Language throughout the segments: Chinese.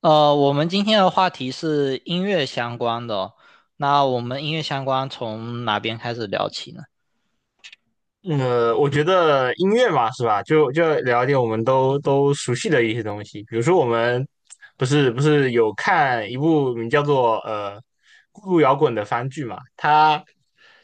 我们今天的话题是音乐相关的哦。那我们音乐相关从哪边开始聊起呢？我觉得音乐嘛，是吧？就聊一点我们都熟悉的一些东西，比如说我们不是有看一部名叫做《孤独摇滚》的番剧嘛？它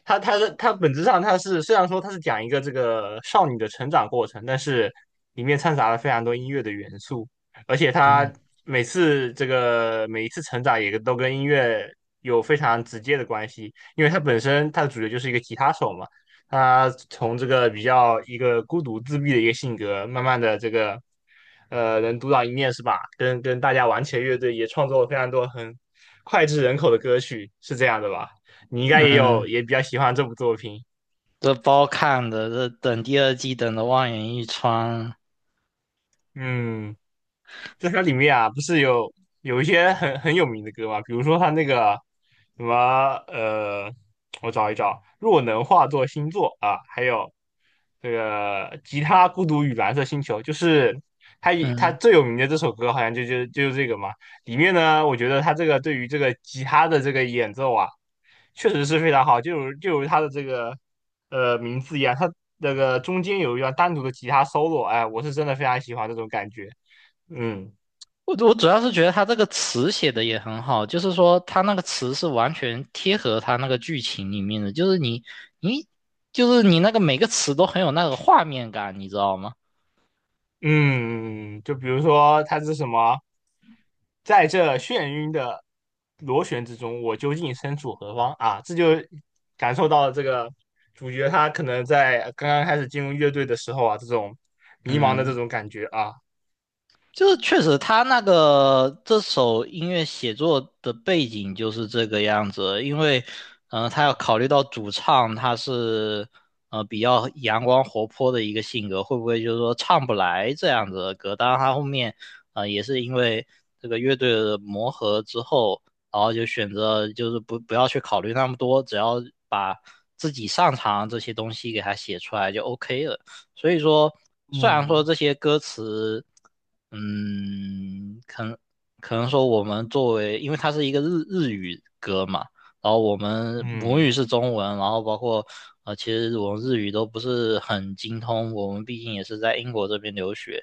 它它的它本质上它是虽然说它是讲一个这个少女的成长过程，但是里面掺杂了非常多音乐的元素，而且它嗯每次这个每一次成长也都跟音乐有非常直接的关系，因为它本身它的主角就是一个吉他手嘛。他从这个比较一个孤独自闭的一个性格，慢慢的这个能独当一面是吧？跟大家玩起了乐队，也创作了非常多很脍炙人口的歌曲，是这样的吧？你应该也有嗯，也比较喜欢这部作品。这包看的，这等第二季等的望眼欲穿。嗯。在它里面啊，不是有一些很有名的歌嘛，比如说它那个什么呃，我找一找，若能化作星座啊，还有这个吉他孤独与蓝色星球，就是它以它嗯，最有名的这首歌，好像就是这个嘛。里面呢，我觉得它这个对于这个吉他的这个演奏啊，确实是非常好，就如它的这个名字一样，它那个中间有一段单独的吉他 solo,哎，我是真的非常喜欢这种感觉，嗯。我主要是觉得他这个词写的也很好，就是说他那个词是完全贴合他那个剧情里面的，就是你就是你那个每个词都很有那个画面感，你知道吗？嗯，就比如说它是什么，在这眩晕的螺旋之中，我究竟身处何方啊？这就感受到了这个主角他可能在刚刚开始进入乐队的时候啊，这种迷茫的这嗯。种感觉啊，就是确实，他那个这首音乐写作的背景就是这个样子，因为，他要考虑到主唱他是，比较阳光活泼的一个性格，会不会就是说唱不来这样子的歌？当然，他后面，也是因为这个乐队的磨合之后，然后就选择就是不要去考虑那么多，只要把自己擅长这些东西给他写出来就 OK 了。所以说，虽然说嗯，这些歌词。嗯，可能可能说我们作为，因为它是一个日语歌嘛，然后我们母语嗯。是中文，然后包括其实我们日语都不是很精通，我们毕竟也是在英国这边留学，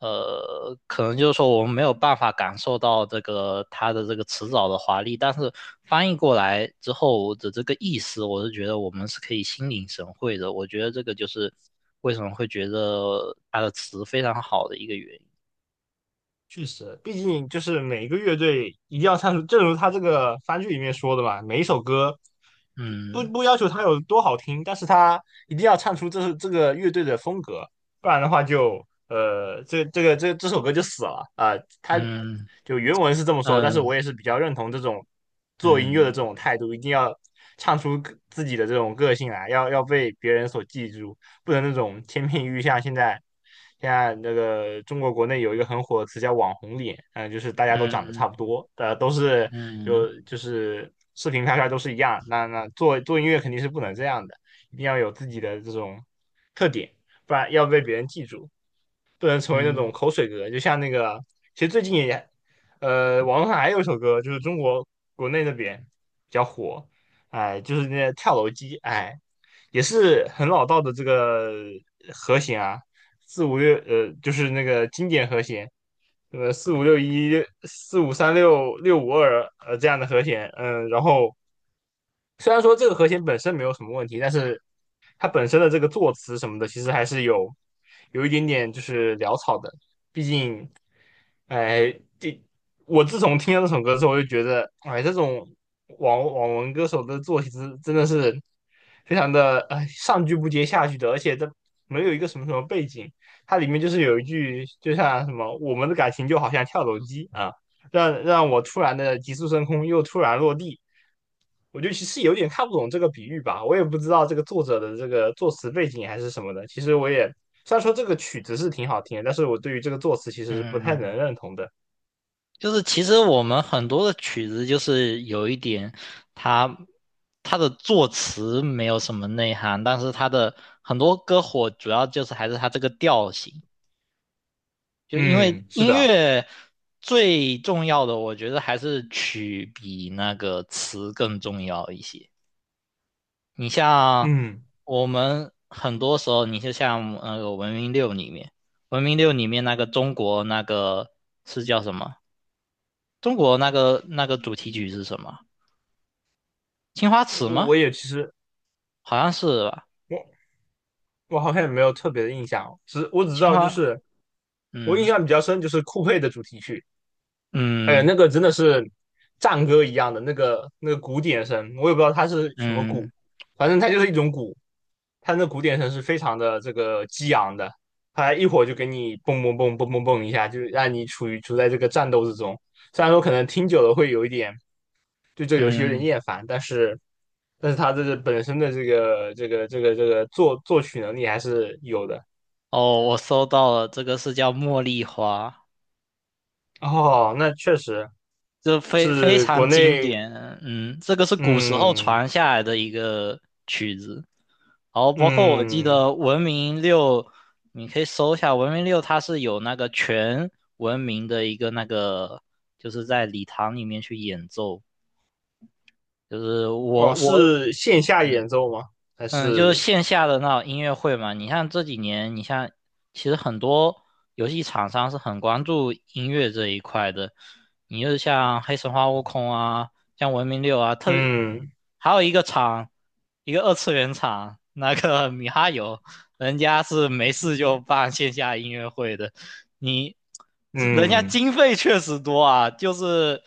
可能就是说我们没有办法感受到这个它的这个词藻的华丽，但是翻译过来之后的这个意思，我是觉得我们是可以心领神会的，我觉得这个就是为什么会觉得它的词非常好的一个原因。确实，毕竟就是每个乐队一定要唱出，正如他这个番剧里面说的嘛，每一首歌就不嗯不要求它有多好听，但是它一定要唱出这是这个乐队的风格，不然的话就这个这首歌就死了啊。他嗯就原文是这么说，但是嗯我也是比较认同这种做音乐的这嗯种态度，一定要唱出个自己的这种个性来，要被别人所记住。不能那种千篇一律。像现在，现在那个中国国内有一个很火的词叫“网红脸”，嗯、就是大家都长得差嗯不多，都是就嗯就是视频拍出来都是一样。那做音乐肯定是不能这样的，一定要有自己的这种特点，不然要被别人记住。不能成为那种嗯口水歌，就像那个，其实最近也，网络上还有一首歌，就是中国国内那边比较火，哎，就是那个跳楼机，哎，也是很老道的这个和弦啊，四五六，就是那个经典和弦，四五六一、四五三六、六五二，这样的和弦，嗯，然后虽然说这个和弦本身没有什么问题，但是它本身的这个作词什么的，其实还是有有一点点就是潦草的。毕竟，哎，这我自从听了这首歌之后，我就觉得，哎，这种网文歌手的作词真的是非常的，哎，上句不接下句的，而且这没有一个什么背景，它里面就是有一句，就像什么，我们的感情就好像跳楼机啊。让我突然的急速升空，又突然落地。我就其实有点看不懂这个比喻吧，我也不知道这个作者的这个作词背景还是什么的。其实我也虽然说这个曲子是挺好听的，但是我对于这个作词其实是不太嗯，能认同的。就是其实我们很多的曲子，就是有一点它它的作词没有什么内涵，但是它的很多歌火主要就是还是它这个调性，就因为嗯，是音的。乐最重要的，我觉得还是曲比那个词更重要一些。你像嗯，我们很多时候，你就像那个《文明六》里面，《文明六》里面那个中国那个是叫什么？中国那个主题曲是什么？青花瓷我吗？我也其实好像是吧。我我好像也没有特别的印象，只我只知青道就花，是我印嗯象比较深就是酷配的主题曲。哎呀，嗯那个真的是战歌一样的那个那个鼓点声，我也不知道它是什么鼓，嗯反正它就是一种鼓，它那鼓点声是非常的这个激昂的，它一会儿就给你蹦蹦蹦蹦蹦蹦一下，就让你处在这个战斗之中。虽然说可能听久了会有一点对这个游戏有点嗯。厌烦，但是但是它这个本身的这个作曲能力还是有的。哦，我搜到了，这个是叫茉莉花。哦，那确实就非非是国常经内。典。嗯，这个是古时候嗯传下来的一个曲子，然后包括我记嗯。得《文明六》，你可以搜一下《文明六》，它是有那个全文明的一个那个，就是在礼堂里面去演奏，就是我哦，我是线下演奏吗？还嗯，就是是线下的那种音乐会嘛。你像这几年，你像其实很多游戏厂商是很关注音乐这一块的。你就像黑神话悟空啊，像文明六啊，特别嗯还有一个厂，一个二次元厂，那个米哈游，人家是没事就办线下音乐会的。你这人家嗯，经费确实多啊，就是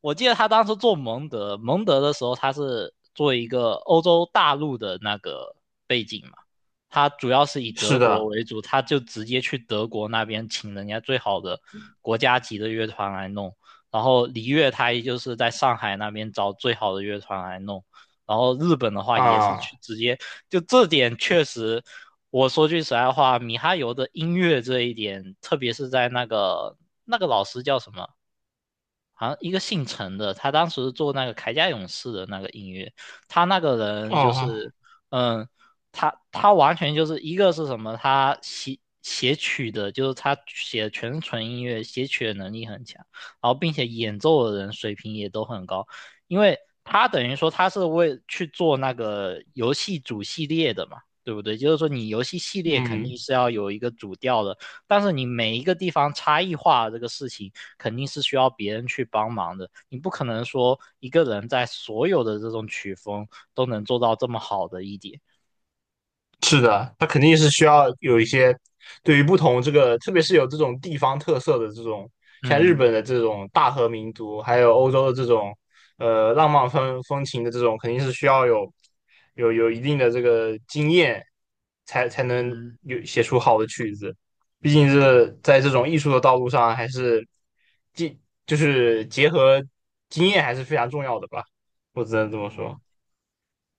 我记得他当时做蒙德，蒙德的时候他是做一个欧洲大陆的那个背景嘛，他主要是以德是国的为主，他就直接去德国那边请人家最好的国家级的乐团来弄，然后璃乐他也就是在上海那边找最好的乐团来弄。然后日本的话也是啊去直接，就这点确实我说句实在话，米哈游的音乐这一点，特别是在那个老师叫什么好像一个姓陈的，他当时做那个铠甲勇士的那个音乐，他那个人就哦是，嗯，他完全就是一个是什么，他写曲的，就是他写的全是纯音乐，写曲的能力很强，然后并且演奏的人水平也都很高，因为他等于说他是为去做那个游戏主系列的嘛，对不对？就是说你游戏系列肯定嗯。是要有一个主调的。但是你每一个地方差异化这个事情，肯定是需要别人去帮忙的。你不可能说一个人在所有的这种曲风都能做到这么好的一点。是的，它肯定是需要有一些对于不同这个，特别是有这种地方特色的这种，像日嗯本的这种大和民族，还有欧洲的这种浪漫风情的这种，肯定是需要有有一定的这个经验，才能嗯，有写出好的曲子。毕竟是在这种艺术的道路上，还是经就是结合经验还是非常重要的吧，我只能这么说。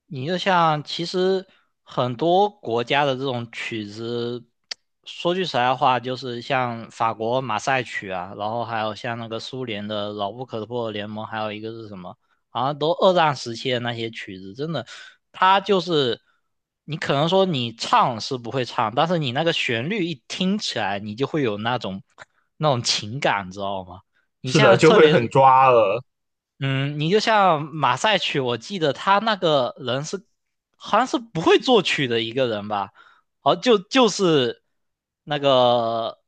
你就像其实很多国家的这种曲子，说句实在话，就是像法国马赛曲啊，然后还有像那个苏联的《牢不可破的联盟》，还有一个是什么，好像都二战时期的那些曲子，真的，它就是你可能说你唱是不会唱，但是你那个旋律一听起来，你就会有那种那种情感，知道吗？你是像的，就特会别很是。抓了。嗯，你就像马赛曲，我记得他那个人是好像是不会作曲的一个人吧？好，就是那个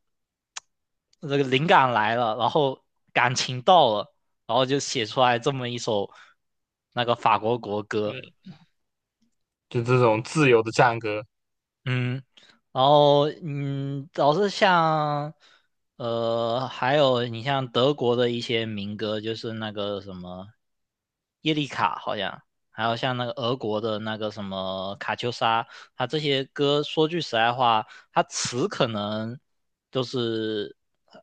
那个灵感来了，然后感情到了，然后就写出来这么一首那个法国国歌。就这种自由的战歌嗯。然后老是像还有你像德国的一些民歌，就是那个什么耶利卡，好像还有像那个俄国的那个什么卡秋莎，它这些歌，说句实在话，它词可能就是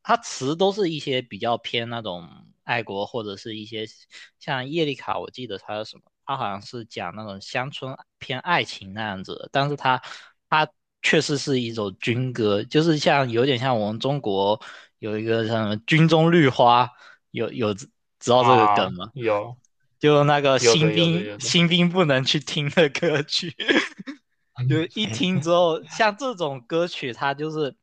它词都是一些比较偏那种爱国或者是一些像叶丽卡，我记得他什么，他好像是讲那种乡村偏爱情那样子但是他他确实是一首军歌，就是像有点像我们中国有一个像什么"军中绿花"，有知道这个啊，梗吗？有就那个有新的有的兵有的，新兵不能去听的歌曲，就一听之后，像这种歌曲，它就是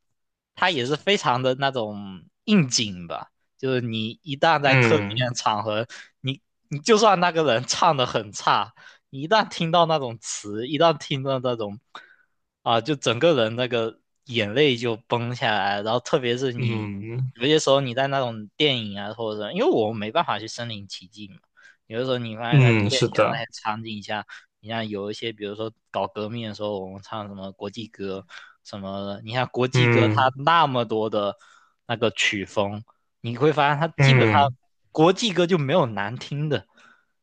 它也是非常的那种应景吧，就是你一旦在特定嗯的场合，你你就算那个人唱的很差，你一旦听到那种词，一旦听到那种啊，就整个人那个眼泪就崩下来，然后特别是你。嗯有些时候你在那种电影啊，或者什么因为我们没办法去身临其境嘛，有的时候你发现在嗯，电是影啊的，那些场景下，你像有一些，比如说搞革命的时候，我们唱什么国际歌什么的，你看国际歌它嗯那么多的那个曲风，你会发现它基本上嗯，国际歌就没有难听的。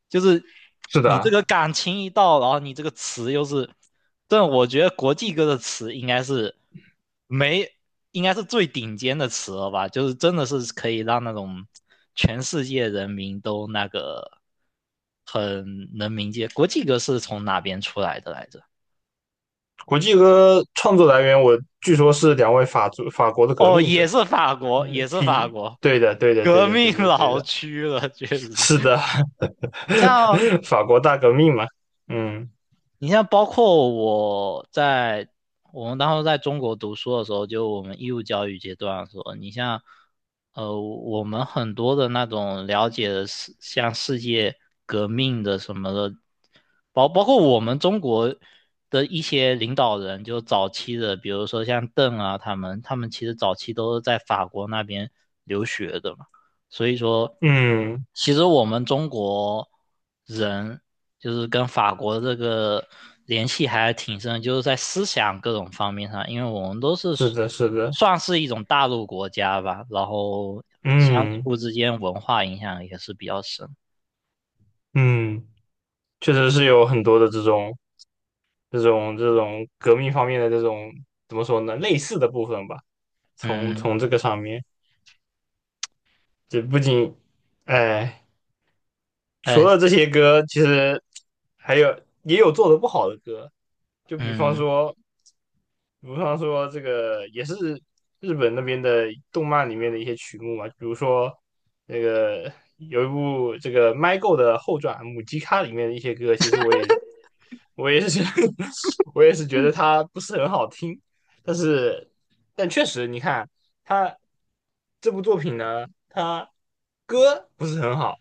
就是是你这的。个感情一到，然后你这个词又是，但我觉得国际歌的词应该是没，应该是最顶尖的词了吧？就是真的是可以让那种全世界人民都那个很能明解。国际歌是从哪边出来的来着？国际歌创作来源，我据说是两位法国的革哦，命也者，是法国，嗯也是法，P,国，对的对的对革的命对的对老的，区了，确实。是的，你像 法国大革命嘛，嗯你像包括我在我们当时在中国读书的时候，就我们义务教育阶段的时候，你像我们很多的那种了解的像世界革命的什么的，包括我们中国的一些领导人，就早期的，比如说像邓啊，他们其实早期都是在法国那边留学的嘛。所以说，嗯，其实我们中国人就是跟法国这个联系还挺深的就是在思想各种方面上，因为我们都是是的是的，算是一种大陆国家吧，然后相嗯互之间文化影响也是比较深。嗯，确实是有很多的这种这种革命方面的这种怎么说呢，类似的部分吧。从嗯，从这个上面，这不仅，哎，除哎，了这些歌，其实还有也有做的不好的歌，就比方嗯，说。比方说这个也是日本那边的动漫里面的一些曲目嘛，比如说那个有一部这个《My Go》的后传《母鸡咖》里面的一些歌，其实我也我也是 我也是觉得它不是很好听，但是但确实你看它这部作品呢，它歌不是很好，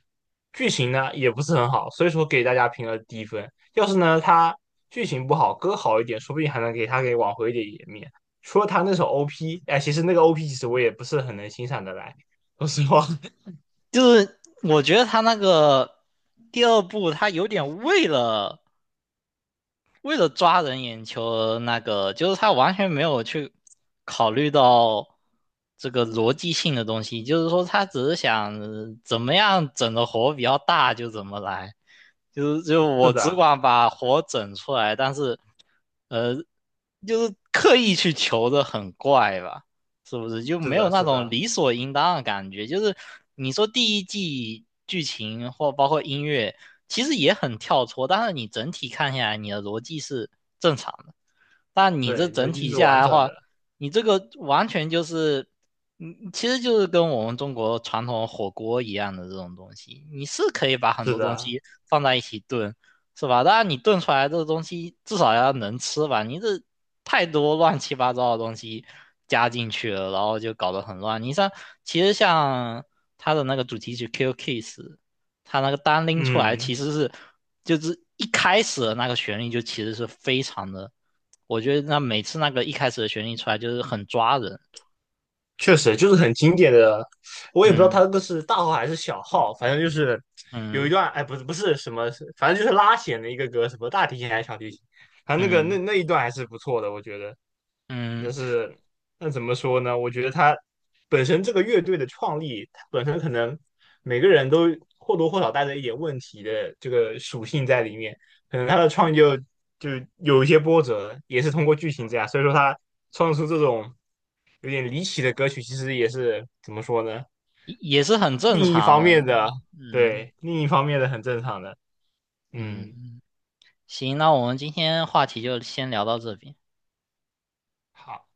剧情呢也不是很好，所以说给大家评了低分。要是呢，他剧情不好，歌好一点，说不定还能给他给挽回一点颜面。除了他那首 OP,哎，其实那个 OP 其实我也不是很能欣赏的来，说实话。就是我觉得他那个第二部，他有点为了抓人眼球而那个，就是他完全没有去考虑到这个逻辑性的东西，就是说他只是想怎么样整的活比较大就怎么来，就是就是我只的，管把活整出来，但是呃就是刻意去求的很怪吧，是不是？就是没有的，那是种的，理所应当的感觉。就是你说第一季剧情或包括音乐，其实也很跳脱，但是你整体看下来，你的逻辑是正常的。但你这对，逻整辑体是下完来的整的，话，你这个完全就是，嗯，其实就是跟我们中国传统火锅一样的这种东西，你是可以把很是多东的，西放在一起炖，是吧？当然你炖出来这个东西至少要能吃吧，你这太多乱七八糟的东西加进去了，然后就搞得很乱。你像其实像它的那个主题曲《k i Kiss》，它那个单拎出来其嗯。实是就是一开始的那个旋律就其实是非常的。我觉得那每次那个一开始的旋律出来就是很抓人，确实就是很经典的，我也不知道他嗯那个是大号还是小号，反正就是有一嗯段，哎，不是什么，反正就是拉弦的一个歌，什么大提琴还是小提琴，反正那个那嗯那一段还是不错的，我觉得。嗯，但是那怎么说呢？我觉得他本身这个乐队的创立，它本身可能每个人都或多或少带着一点问题的这个属性在里面，可能他的创意就就有一些波折，也是通过剧情这样，所以说他创作出这种有点离奇的歌曲，其实也是怎么说呢？也是很正另一常方的。面的，嗯对，另一方面的很正常的，嗯。嗯，嗯，行，那我们今天话题就先聊到这边。好。